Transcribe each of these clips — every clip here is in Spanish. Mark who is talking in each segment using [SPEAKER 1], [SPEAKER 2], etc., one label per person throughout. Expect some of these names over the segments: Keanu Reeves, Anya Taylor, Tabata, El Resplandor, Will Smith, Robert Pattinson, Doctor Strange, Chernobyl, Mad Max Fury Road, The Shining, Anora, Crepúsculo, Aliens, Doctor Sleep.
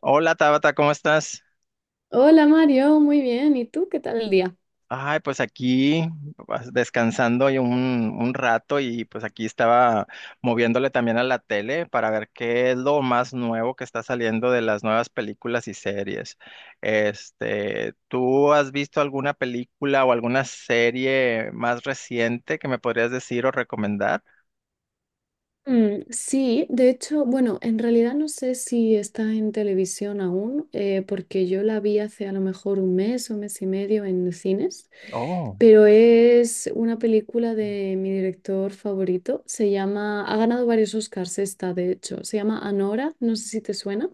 [SPEAKER 1] Hola Tabata, ¿cómo estás?
[SPEAKER 2] Hola Mario, muy bien. ¿Y tú qué tal el día?
[SPEAKER 1] Ay, pues aquí pues, descansando y un rato y pues aquí estaba moviéndole también a la tele para ver qué es lo más nuevo que está saliendo de las nuevas películas y series. Este, ¿tú has visto alguna película o alguna serie más reciente que me podrías decir o recomendar?
[SPEAKER 2] Sí, de hecho, bueno, en realidad no sé si está en televisión aún, porque yo la vi hace a lo mejor un mes o mes y medio en cines, pero es una película de mi director favorito. Se llama, ha ganado varios Oscars esta, de hecho. Se llama Anora, no sé si te suena.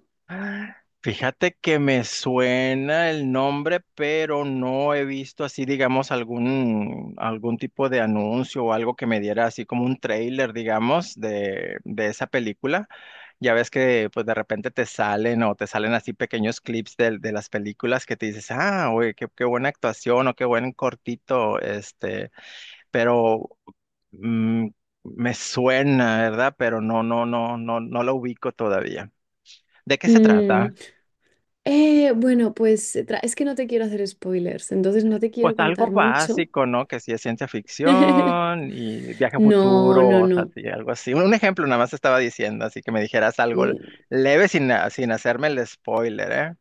[SPEAKER 1] Fíjate que me suena el nombre, pero no he visto así, digamos, algún tipo de anuncio o algo que me diera así como un trailer, digamos, de esa película. Ya ves que pues de repente te salen o te salen así pequeños clips de las películas que te dices, ah, oye, qué, qué buena actuación o qué buen cortito, este, pero mm, me suena, ¿verdad? Pero no, no, no, no, no lo ubico todavía. ¿De qué se
[SPEAKER 2] Mm,
[SPEAKER 1] trata?
[SPEAKER 2] bueno, pues es que no te quiero hacer spoilers, entonces no te
[SPEAKER 1] Pues
[SPEAKER 2] quiero contar
[SPEAKER 1] algo
[SPEAKER 2] mucho.
[SPEAKER 1] básico, ¿no? Que sí es ciencia ficción y viaje a
[SPEAKER 2] No,
[SPEAKER 1] futuro,
[SPEAKER 2] no,
[SPEAKER 1] o sea,
[SPEAKER 2] no.
[SPEAKER 1] sí, algo así. Un ejemplo nada más estaba diciendo, así que me dijeras algo
[SPEAKER 2] Mm,
[SPEAKER 1] leve sin hacerme el spoiler, ¿eh?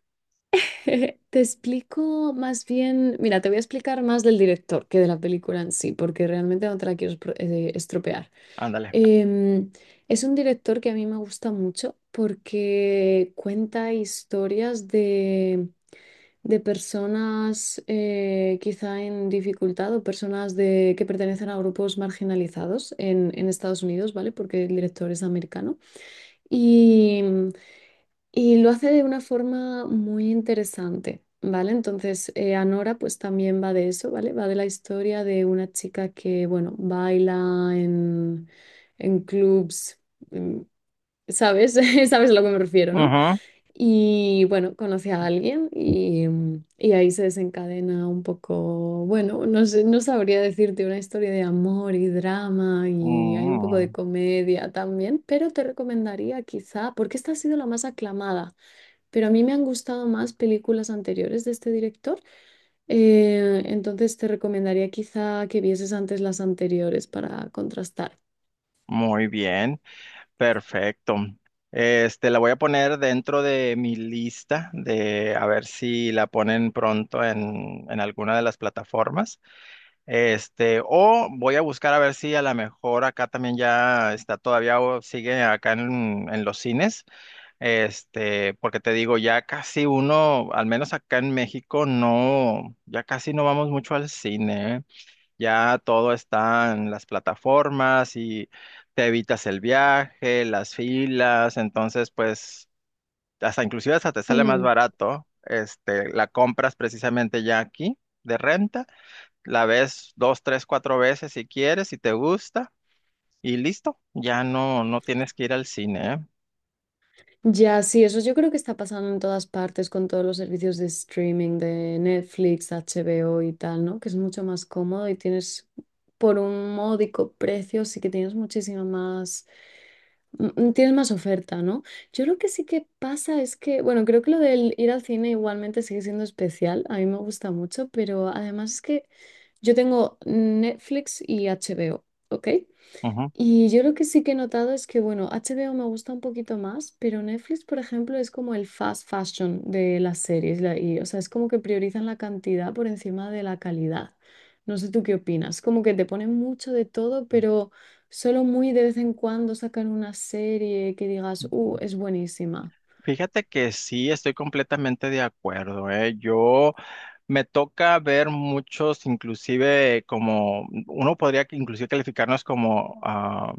[SPEAKER 2] te explico más bien, mira, te voy a explicar más del director que de la película en sí, porque realmente no te la quiero estropear.
[SPEAKER 1] Ándale.
[SPEAKER 2] Em, es un director que a mí me gusta mucho porque cuenta historias de personas quizá en dificultad o personas de, que pertenecen a grupos marginalizados en Estados Unidos, ¿vale? Porque el director es americano. Y lo hace de una forma muy interesante, ¿vale? Entonces, Anora pues también va de eso, ¿vale? Va de la historia de una chica que, bueno, baila en clubs, mm, ¿sabes? ¿Sabes a lo que me refiero, ¿no?
[SPEAKER 1] Ujú.
[SPEAKER 2] Y bueno, conoce a alguien y, y ahí se desencadena un poco, bueno, no sé, no sabría decirte, una historia de amor y drama y hay un poco de
[SPEAKER 1] Mm,
[SPEAKER 2] comedia también, pero te recomendaría quizá, porque esta ha sido la más aclamada. Pero a mí me han gustado más películas anteriores de este director. Entonces te recomendaría quizá que vieses antes las anteriores para contrastar.
[SPEAKER 1] Muy bien, perfecto. Este, la voy a poner dentro de mi lista de a ver si la ponen pronto en, alguna de las plataformas. Este, o voy a buscar a ver si a lo mejor acá también ya está todavía o sigue acá en, los cines. Este, porque te digo, ya casi uno, al menos acá en México, no, ya casi no vamos mucho al cine, ¿eh? Ya todo está en las plataformas y te evitas el viaje, las filas, entonces pues hasta inclusive hasta te sale más
[SPEAKER 2] Mm,
[SPEAKER 1] barato. Este, la compras precisamente ya aquí de renta, la ves dos, tres, cuatro veces si quieres, si te gusta, y listo, ya no tienes que ir al cine, ¿eh?
[SPEAKER 2] Ya, sí, eso yo creo que está pasando en todas partes con todos los servicios de streaming de Netflix, HBO y tal, ¿no? Que es mucho más cómodo y tienes por un módico precio, sí que tienes muchísima más. Mm, mm, tienes más oferta, ¿no? Yo lo que sí que pasa es que, bueno, creo que lo del ir al cine igualmente sigue siendo especial, a mí me gusta mucho, pero además es que yo tengo Netflix y HBO, ¿ok?
[SPEAKER 1] Ujú.
[SPEAKER 2] Y yo lo que sí que he notado es que, bueno, HBO me gusta un poquito más, pero Netflix, por ejemplo, es como el fast fashion de las series. Y, o sea, es como que priorizan la cantidad por encima de la calidad. No sé tú qué opinas. Como que te ponen mucho de todo, pero solo muy de vez en cuando sacan una serie que digas, es buenísima.
[SPEAKER 1] Fíjate que sí, estoy completamente de acuerdo, ¿eh? Yo me toca ver muchos, inclusive como, uno podría que inclusive calificarnos como ah,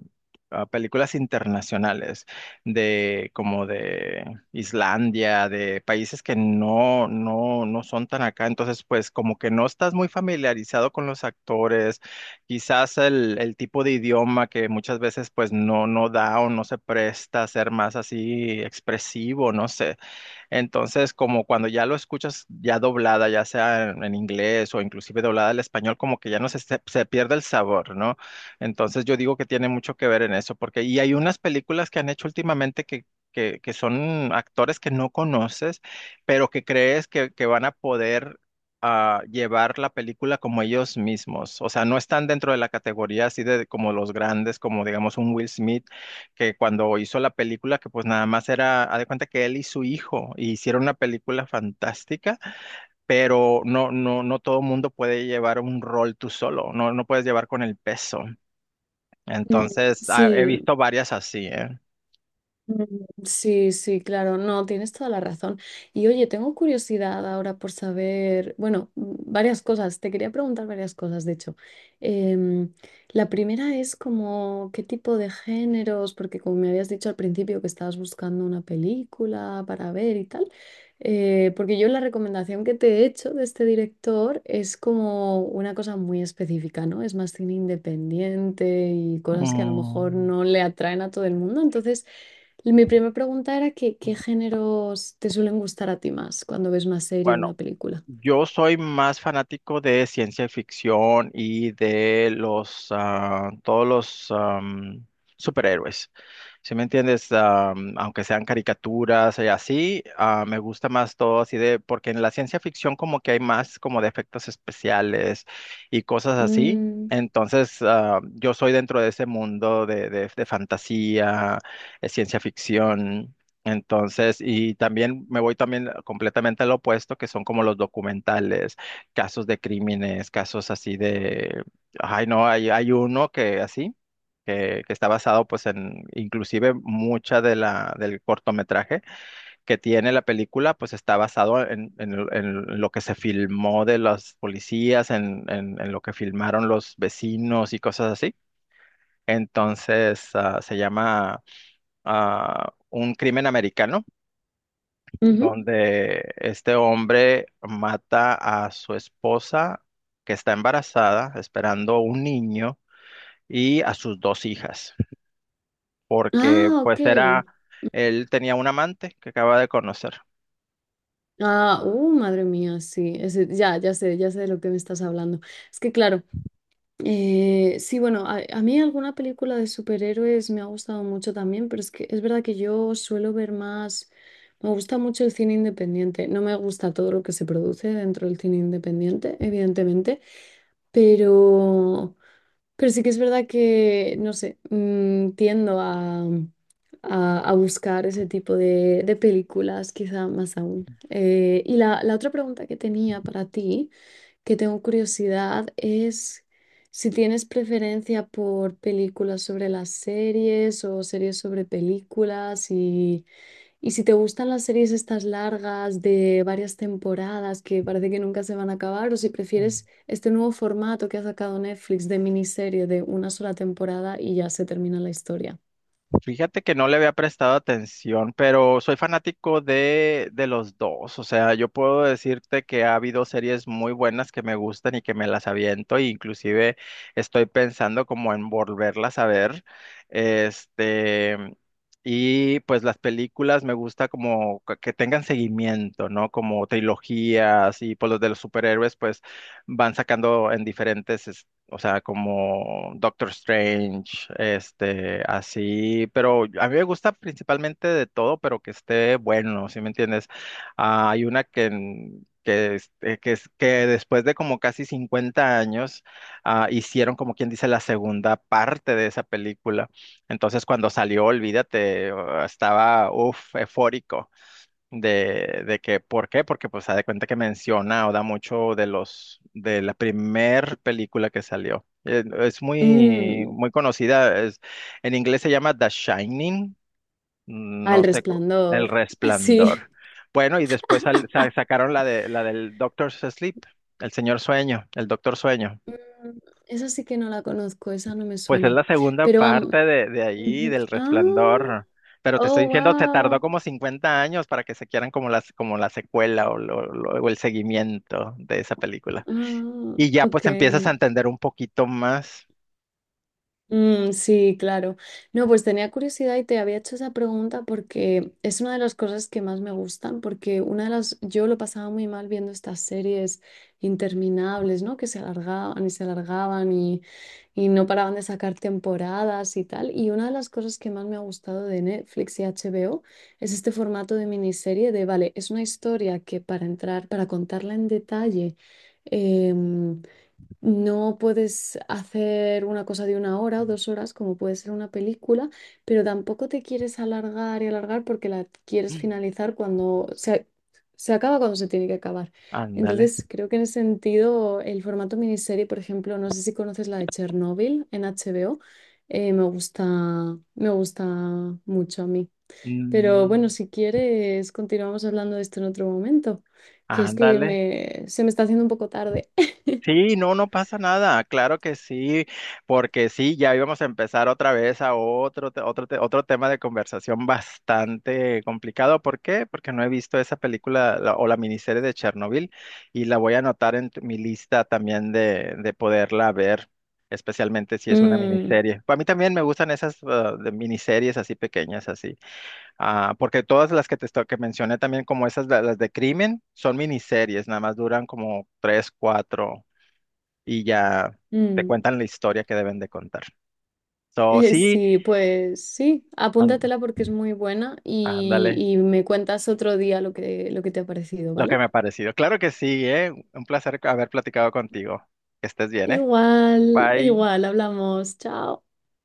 [SPEAKER 1] ah, películas internacionales, de como de Islandia, de países que no, no, no son tan acá, entonces pues como que no estás muy familiarizado con los actores. Quizás el tipo de idioma que muchas veces pues no da o no se presta a ser más así expresivo, no sé. Entonces, como cuando ya lo escuchas ya doblada, ya sea en, inglés o inclusive doblada al español, como que ya no se pierde el sabor, ¿no? Entonces, yo digo que tiene mucho que ver en eso, porque y hay unas películas que han hecho últimamente que, son actores que no conoces, pero que crees que van a poder llevar la película como ellos mismos. O sea, no están dentro de la categoría así de como los grandes, como digamos un Will Smith que cuando hizo la película, que pues nada más era, haz de cuenta que él y su hijo hicieron una película fantástica, pero no, no, no todo mundo puede llevar un rol tú solo, no puedes llevar con el peso.
[SPEAKER 2] Mm,
[SPEAKER 1] Entonces, he
[SPEAKER 2] sí,
[SPEAKER 1] visto varias así, ¿eh?
[SPEAKER 2] mm, sí, sí, claro, no, tienes toda la razón. Y oye, tengo curiosidad ahora por saber, bueno, varias cosas, te quería preguntar varias cosas, de hecho. Em, la primera es como qué tipo de géneros, porque como me habías dicho al principio que estabas buscando una película para ver y tal, porque yo la recomendación que te he hecho de este director es como una cosa muy específica, ¿no? Es más cine independiente y cosas que a lo mejor
[SPEAKER 1] Mm,
[SPEAKER 2] no le atraen a todo el mundo, entonces... Mi primera pregunta era que, ¿qué géneros te suelen gustar a ti más cuando ves una serie o
[SPEAKER 1] Bueno.
[SPEAKER 2] una película?
[SPEAKER 1] Yo soy más fanático de ciencia ficción y de los todos los superhéroes. ¿Sí me entiendes? Aunque sean caricaturas y así, me gusta más todo así de, porque en la ciencia ficción como que hay más como de efectos especiales y cosas así.
[SPEAKER 2] Mm,
[SPEAKER 1] Entonces, yo soy dentro de ese mundo de, de fantasía, ciencia ficción. Entonces, y también me voy también completamente al opuesto, que son como los documentales, casos de crímenes, casos así de, ay no, hay uno que así, que está basado pues en, inclusive mucha de la, del cortometraje que tiene la película, pues está basado en, en lo que se filmó de las policías, en, en lo que filmaron los vecinos y cosas así. Entonces, se llama Un crimen americano,
[SPEAKER 2] ujú.
[SPEAKER 1] donde este hombre mata a su esposa que está embarazada, esperando un niño, y a sus dos hijas, porque
[SPEAKER 2] Ah, ok.
[SPEAKER 1] pues era, él tenía un amante que acaba de conocer.
[SPEAKER 2] Ah, madre mía, sí. Ya, ya sé de lo que me estás hablando. Es que claro, sí, bueno, a mí alguna película de superhéroes me ha gustado mucho también, pero es que es verdad que yo suelo ver más, me gusta mucho el cine independiente. No me gusta todo lo que se produce dentro del cine independiente, evidentemente. Pero Pero sí que es verdad que, no sé, tiendo a buscar ese tipo de películas, quizá más aún. Y la, la otra pregunta que tenía para ti, que tengo curiosidad, es si tienes preferencia por películas sobre las series o series sobre películas y si te gustan las series estas largas de varias temporadas que parece que nunca se van a acabar, o si prefieres este nuevo formato que ha sacado Netflix de miniserie de una sola temporada y ya se termina la historia.
[SPEAKER 1] Fíjate que no le había prestado atención, pero soy fanático de, los dos. O sea, yo puedo decirte que ha habido series muy buenas que me gustan y que me las aviento, e inclusive estoy pensando como en volverlas a ver. Este, y pues las películas me gusta como que tengan seguimiento, ¿no? Como trilogías y pues los de los superhéroes pues van sacando en diferentes, o sea, como Doctor Strange, este, así, pero a mí me gusta principalmente de todo, pero que esté bueno, ¿sí me entiendes? Ah, hay una que, en- que, es- que, es- que después de como casi 50 años, hicieron como quien dice la segunda parte de esa película. Entonces, cuando salió, olvídate, estaba, uff, eufórico de, que, ¿por qué? Porque pues se da cuenta que menciona o da mucho de la primer película que salió. Es muy,
[SPEAKER 2] Mm,
[SPEAKER 1] muy conocida, en inglés se llama The Shining,
[SPEAKER 2] ah, El
[SPEAKER 1] no sé, co- El
[SPEAKER 2] Resplandor. Sí.
[SPEAKER 1] Resplandor. Bueno, y después sacaron la del Doctor Sleep, el señor sueño, el doctor sueño.
[SPEAKER 2] Mm, Esa sí que no la conozco, esa no me
[SPEAKER 1] Pues es
[SPEAKER 2] suena.
[SPEAKER 1] la segunda
[SPEAKER 2] Pero,
[SPEAKER 1] parte
[SPEAKER 2] am-
[SPEAKER 1] de, ahí,
[SPEAKER 2] ujú.
[SPEAKER 1] del
[SPEAKER 2] Ah,
[SPEAKER 1] Resplandor. Pero te estoy
[SPEAKER 2] oh,
[SPEAKER 1] diciendo, se tardó
[SPEAKER 2] wow.
[SPEAKER 1] como 50 años para que se quieran como la secuela o el seguimiento de esa película.
[SPEAKER 2] Ah,
[SPEAKER 1] Y ya
[SPEAKER 2] ok.
[SPEAKER 1] pues empiezas a entender un poquito más.
[SPEAKER 2] Mm, sí, claro. No, pues tenía curiosidad y te había hecho esa pregunta porque es una de las cosas que más me gustan, porque una de las, yo lo pasaba muy mal viendo estas series interminables, ¿no? Que se alargaban y no paraban de sacar temporadas y tal. Y una de las cosas que más me ha gustado de Netflix y HBO es este formato de miniserie de, vale, es una historia que para entrar, para contarla en detalle. em, no puedes hacer una cosa de una hora o dos horas, como puede ser una película, pero tampoco te quieres alargar y alargar porque la quieres
[SPEAKER 1] Mm.
[SPEAKER 2] finalizar cuando se acaba cuando se tiene que acabar.
[SPEAKER 1] Ándale.
[SPEAKER 2] Entonces, creo que en ese sentido, el formato miniserie, por ejemplo, no sé si conoces la de Chernobyl en HBO, eh, me gusta, me gusta mucho a mí. Pero bueno,
[SPEAKER 1] Mm,
[SPEAKER 2] si quieres, continuamos hablando de esto en otro momento, que es que
[SPEAKER 1] ándale.
[SPEAKER 2] me, se me está haciendo un poco tarde.
[SPEAKER 1] Sí, no pasa nada, claro que sí, porque sí, ya íbamos a empezar otra vez a otro tema de conversación bastante complicado. ¿Por qué? Porque no he visto esa película, la- o la miniserie de Chernobyl, y la voy a anotar en mi lista también de, poderla ver, especialmente si es una
[SPEAKER 2] Mm.
[SPEAKER 1] miniserie. A mí también me gustan esas, de miniseries así pequeñas, así, porque todas las que que mencioné también, como esas, las de crimen, son miniseries, nada más duran como tres, cuatro, y ya te
[SPEAKER 2] Mm,
[SPEAKER 1] cuentan la historia que deben de contar. So, sí,
[SPEAKER 2] sí, pues sí,
[SPEAKER 1] and-
[SPEAKER 2] apúntatela porque es muy buena
[SPEAKER 1] ándale,
[SPEAKER 2] y me cuentas otro día lo que te ha parecido,
[SPEAKER 1] lo que
[SPEAKER 2] ¿vale?
[SPEAKER 1] me ha parecido. Claro que sí, ¿eh? Un placer haber platicado contigo. Que estés bien, ¿eh?
[SPEAKER 2] Igual,
[SPEAKER 1] Bye.
[SPEAKER 2] igual, hablamos, chao.